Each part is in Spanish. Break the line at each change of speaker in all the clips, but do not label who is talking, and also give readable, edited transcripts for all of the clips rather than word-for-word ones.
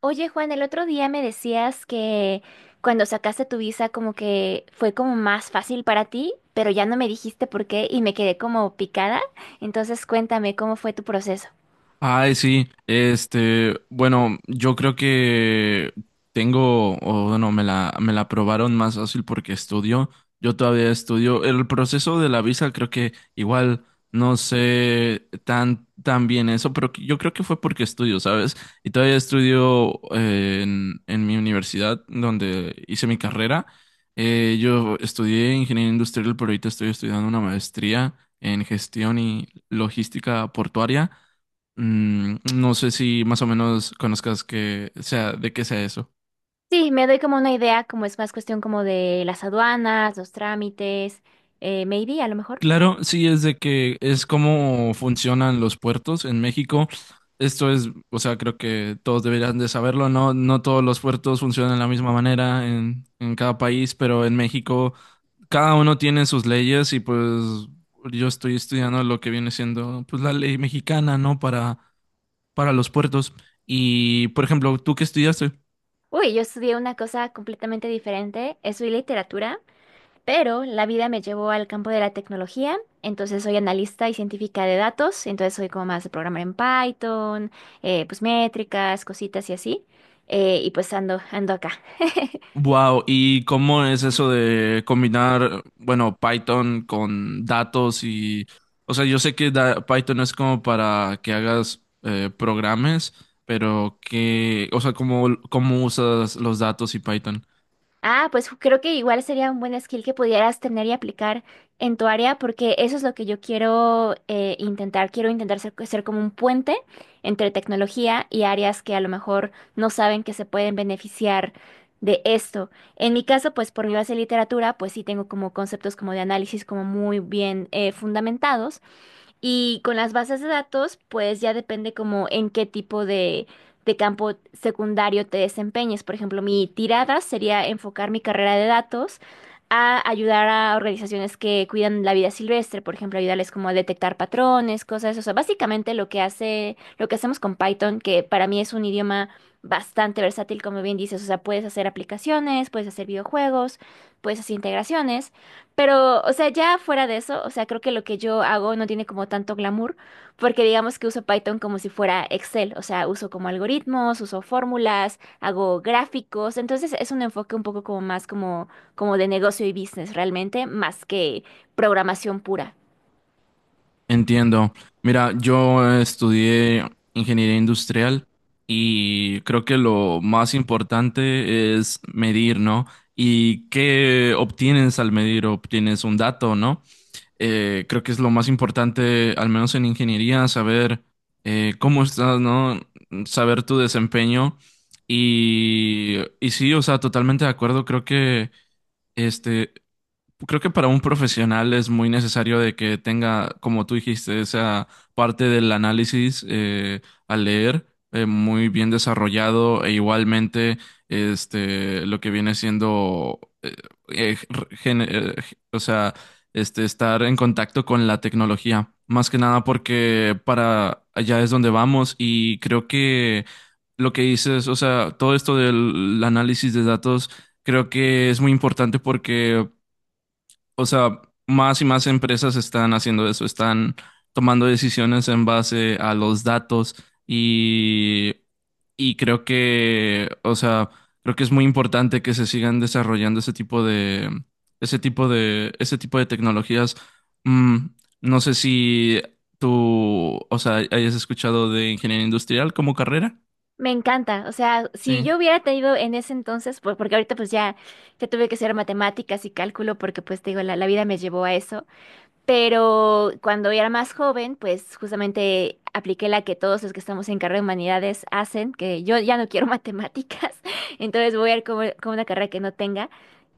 Oye, Juan, el otro día me decías que cuando sacaste tu visa como que fue como más fácil para ti, pero ya no me dijiste por qué y me quedé como picada. Entonces cuéntame cómo fue tu proceso.
Ay, sí, bueno, yo creo que me la aprobaron más fácil porque estudio, yo todavía estudio. El proceso de la visa creo que igual no sé tan bien eso, pero yo creo que fue porque estudio, ¿sabes? Y todavía estudio en mi universidad donde hice mi carrera. Yo estudié ingeniería industrial, pero ahorita estoy estudiando una maestría en gestión y logística portuaria. Mm, no sé si más o menos conozcas que sea de qué sea eso.
Sí, me doy como una idea, como es más cuestión como de las aduanas, los trámites, maybe a lo mejor.
Claro, sí es de que es cómo funcionan los puertos en México. Esto es, o sea, creo que todos deberían de saberlo, ¿no? No todos los puertos funcionan de la misma manera en cada país, pero en México cada uno tiene sus leyes y pues yo estoy estudiando lo que viene siendo pues la ley mexicana, ¿no? Para los puertos. Y, por ejemplo, ¿tú qué estudiaste?
Uy, yo estudié una cosa completamente diferente, estudié literatura. Pero la vida me llevó al campo de la tecnología, entonces soy analista y científica de datos, entonces soy como más de programar en Python, pues métricas, cositas y así, y pues ando acá.
Wow, ¿y cómo es eso de combinar, bueno, Python con datos y, o sea, yo sé que Python es como para que hagas programas, pero que, o sea, cómo usas los datos y Python?
Ah, pues creo que igual sería un buen skill que pudieras tener y aplicar en tu área, porque eso es lo que yo quiero intentar. Quiero intentar ser como un puente entre tecnología y áreas que a lo mejor no saben que se pueden beneficiar de esto. En mi caso, pues por mi base de literatura, pues sí tengo como conceptos como de análisis como muy bien fundamentados, y con las bases de datos, pues ya depende como en qué tipo de campo secundario te desempeñes. Por ejemplo, mi tirada sería enfocar mi carrera de datos a ayudar a organizaciones que cuidan la vida silvestre, por ejemplo, ayudarles como a detectar patrones, cosas, o sea, básicamente lo que hace, lo que hacemos con Python, que para mí es un idioma bastante versátil, como bien dices, o sea, puedes hacer aplicaciones, puedes hacer videojuegos, puedes hacer integraciones. Pero, o sea, ya fuera de eso, o sea, creo que lo que yo hago no tiene como tanto glamour, porque digamos que uso Python como si fuera Excel, o sea, uso como algoritmos, uso fórmulas, hago gráficos, entonces es un enfoque un poco como como de negocio y business realmente, más que programación pura.
Entiendo. Mira, yo estudié ingeniería industrial y creo que lo más importante es medir, ¿no? ¿Y qué obtienes al medir? Obtienes un dato, ¿no? Creo que es lo más importante, al menos en ingeniería, saber cómo estás, ¿no? Saber tu desempeño. Y sí, o sea, totalmente de acuerdo. Este, Creo que para un profesional es muy necesario de que tenga, como tú dijiste, esa parte del análisis al leer muy bien desarrollado e igualmente lo que viene siendo, eh, gen- eh, o sea, estar en contacto con la tecnología. Más que nada porque para allá es donde vamos y creo que lo que dices, o sea, todo esto del análisis de datos creo que es muy importante porque, o sea, más y más empresas están haciendo eso, están tomando decisiones en base a los datos y, y creo que, o sea, creo que es muy importante que se sigan desarrollando ese tipo de, ese tipo de tecnologías. Mm, no sé si tú, o sea, hayas escuchado de ingeniería industrial como carrera.
Me encanta, o sea, si
Sí.
yo hubiera tenido en ese entonces, pues porque ahorita pues ya, ya tuve que hacer matemáticas y cálculo porque pues te digo, la vida me llevó a eso. Pero cuando era más joven, pues justamente apliqué la que todos los que estamos en carrera de humanidades hacen, que yo ya no quiero matemáticas, entonces voy a ir como una carrera que no tenga.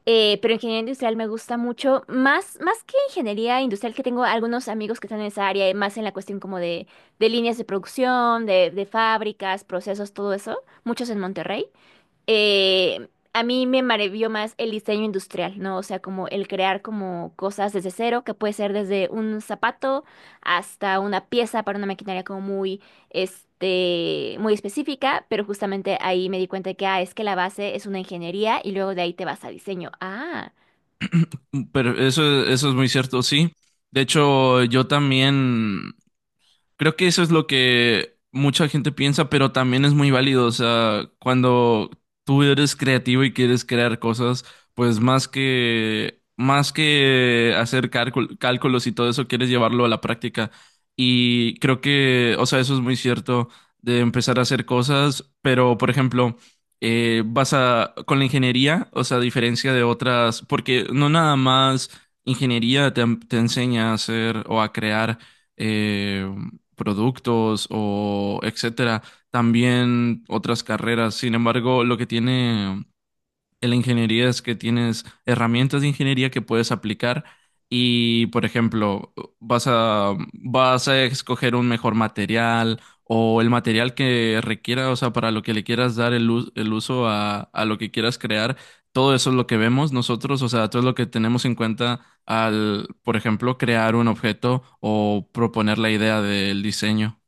Pero ingeniería industrial me gusta mucho, más que ingeniería industrial, que tengo algunos amigos que están en esa área, y más en la cuestión como de líneas de producción, de fábricas, procesos, todo eso, muchos en Monterrey. eh, a mí me maravilló más el diseño industrial, ¿no? O sea, como el crear como cosas desde cero, que puede ser desde un zapato hasta una pieza para una maquinaria como muy, muy específica, pero justamente ahí me di cuenta de que, ah, es que la base es una ingeniería y luego de ahí te vas a diseño. Ah.
Mm, pero eso es muy cierto, sí. De hecho, yo también, creo que eso es lo que mucha gente piensa, pero también es muy válido. O sea, cuando tú eres creativo y quieres crear cosas, pues más que hacer cálculos y todo eso, quieres llevarlo a la práctica. Y creo que, o sea, eso es muy cierto de empezar a hacer cosas, pero por ejemplo, vas a, con la ingeniería, o sea, a diferencia de otras, porque no nada más ingeniería te enseña a hacer o a crear eh, productos o etcétera, también otras carreras. Sin embargo, lo que tiene en la ingeniería es que tienes herramientas de ingeniería que puedes aplicar y, por ejemplo, vas a escoger un mejor material o el material que requiera, o sea, para lo que le quieras dar el uso a lo que quieras crear. Todo eso es lo que vemos nosotros, o sea, todo es lo que tenemos en cuenta al, por ejemplo, crear un objeto o proponer la idea del diseño.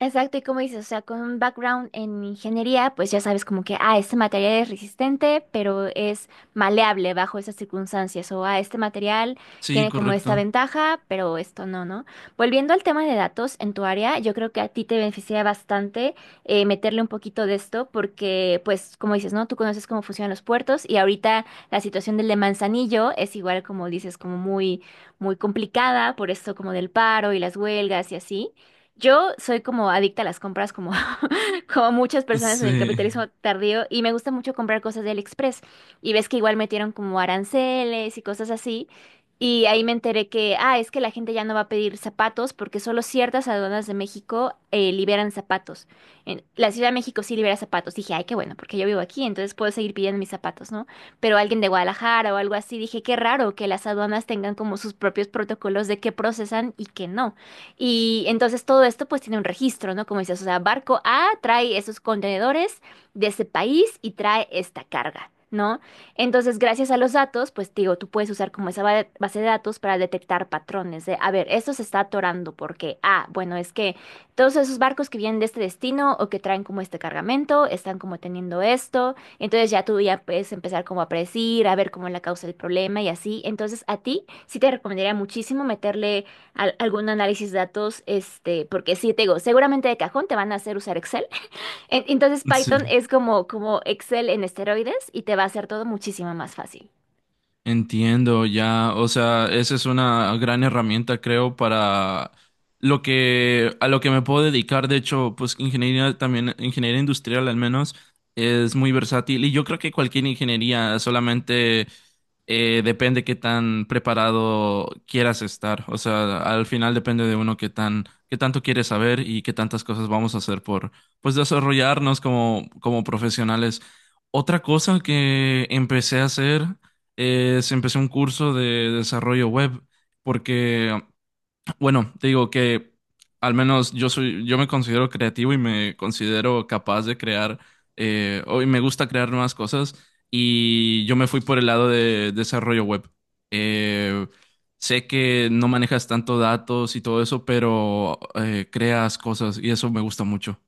Exacto, y como dices, o sea, con un background en ingeniería, pues ya sabes como que, ah, este material es resistente, pero es maleable bajo esas circunstancias, o ah, este material
Sí,
tiene como esta
correcto.
ventaja, pero esto no, ¿no? Volviendo al tema de datos en tu área, yo creo que a ti te beneficia bastante meterle un poquito de esto, porque pues como dices, ¿no? Tú conoces cómo funcionan los puertos y ahorita la situación del de Manzanillo es igual como dices, como muy, muy complicada por esto como del paro y las huelgas y así. Yo soy como adicta a las compras, como, como muchas personas en el
Sí,
capitalismo tardío, y me gusta mucho comprar cosas de AliExpress. Y ves que igual metieron como aranceles y cosas así. Y ahí me enteré que, ah, es que la gente ya no va a pedir zapatos porque solo ciertas aduanas de México liberan zapatos. La Ciudad de México sí libera zapatos. Dije, ay, qué bueno, porque yo vivo aquí, entonces puedo seguir pidiendo mis zapatos, ¿no? Pero alguien de Guadalajara o algo así, dije, qué raro que las aduanas tengan como sus propios protocolos de qué procesan y qué no. Y entonces todo esto pues tiene un registro, ¿no? Como dices, o sea, barco A trae esos contenedores de ese país y trae esta carga, ¿no? Entonces, gracias a los datos, pues digo, tú puedes usar como esa base de datos para detectar patrones de, a ver, esto se está atorando porque, ah, bueno, es que todos esos barcos que vienen de este destino o que traen como este cargamento, están como teniendo esto, entonces ya tú ya puedes empezar como a predecir, a ver cómo es la causa del problema y así. Entonces, a ti sí te recomendaría muchísimo meterle algún análisis de datos, este, porque sí, te digo, seguramente de cajón te van a hacer usar Excel. Entonces
sí.
Python es como Excel en esteroides y te va a hacer todo muchísimo más fácil.
Entiendo, ya, o sea, esa es una gran herramienta, creo, para lo que, a lo que me puedo dedicar. De hecho, pues ingeniería también, ingeniería industrial al menos, es muy versátil. Y yo creo que cualquier ingeniería solamente depende qué tan preparado quieras estar. O sea, al final depende de uno qué tan, qué tanto quieres saber y qué tantas cosas vamos a hacer por, pues, desarrollarnos como, como profesionales. Otra cosa que empecé a hacer es, empecé un curso de desarrollo web porque, bueno, te digo que al menos yo soy, yo me considero creativo y me considero capaz de crear, y me gusta crear nuevas cosas y yo me fui por el lado de desarrollo web. Eh, Sé que no manejas tanto datos y todo eso, pero creas cosas y eso me gusta mucho.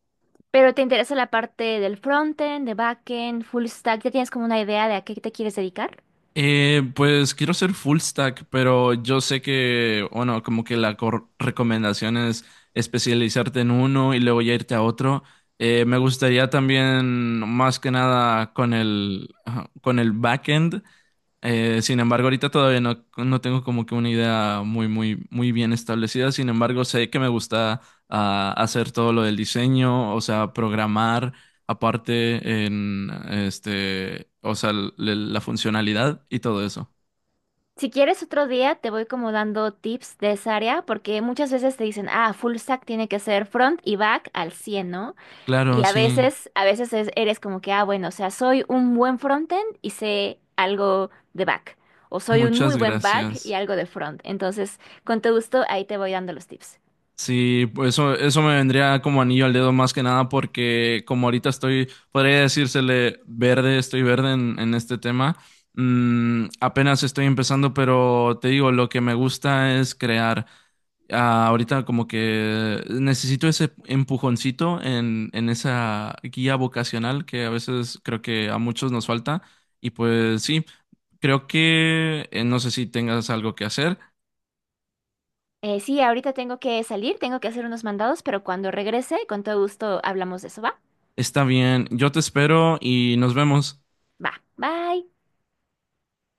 Pero te interesa la parte del frontend, de backend, full stack, ¿ya tienes como una idea de a qué te quieres dedicar?
Pues quiero ser full stack, pero yo sé que, bueno, como que la recomendación es especializarte en uno y luego ya irte a otro. Me gustaría también, más que nada, con el, ajá, con el backend. Sin embargo, ahorita todavía no tengo como que una idea muy, muy bien establecida. Sin embargo, sé que me gusta hacer todo lo del diseño, o sea, programar aparte en este, o sea, la funcionalidad y todo eso.
Si quieres otro día, te voy como dando tips de esa área, porque muchas veces te dicen, ah, full stack tiene que ser front y back al 100, ¿no?
Claro,
Y a
sí.
veces, eres como que, ah, bueno, o sea, soy un buen frontend y sé algo de back. O soy un muy
Muchas
buen back y
gracias.
algo de front. Entonces, con todo gusto, ahí te voy dando los tips.
Sí, pues eso me vendría como anillo al dedo más que nada porque como ahorita estoy, podría decírsele verde, estoy verde en este tema. Mm, apenas estoy empezando, pero te digo, lo que me gusta es crear. Ah, ahorita como que necesito ese empujoncito en esa guía vocacional que a veces creo que a muchos nos falta. Y pues sí, creo que no sé si tengas algo que hacer.
Sí, ahorita tengo que salir, tengo que hacer unos mandados, pero cuando regrese, con todo gusto hablamos de eso, ¿va?
Está bien, yo te espero y nos vemos.
Va, bye.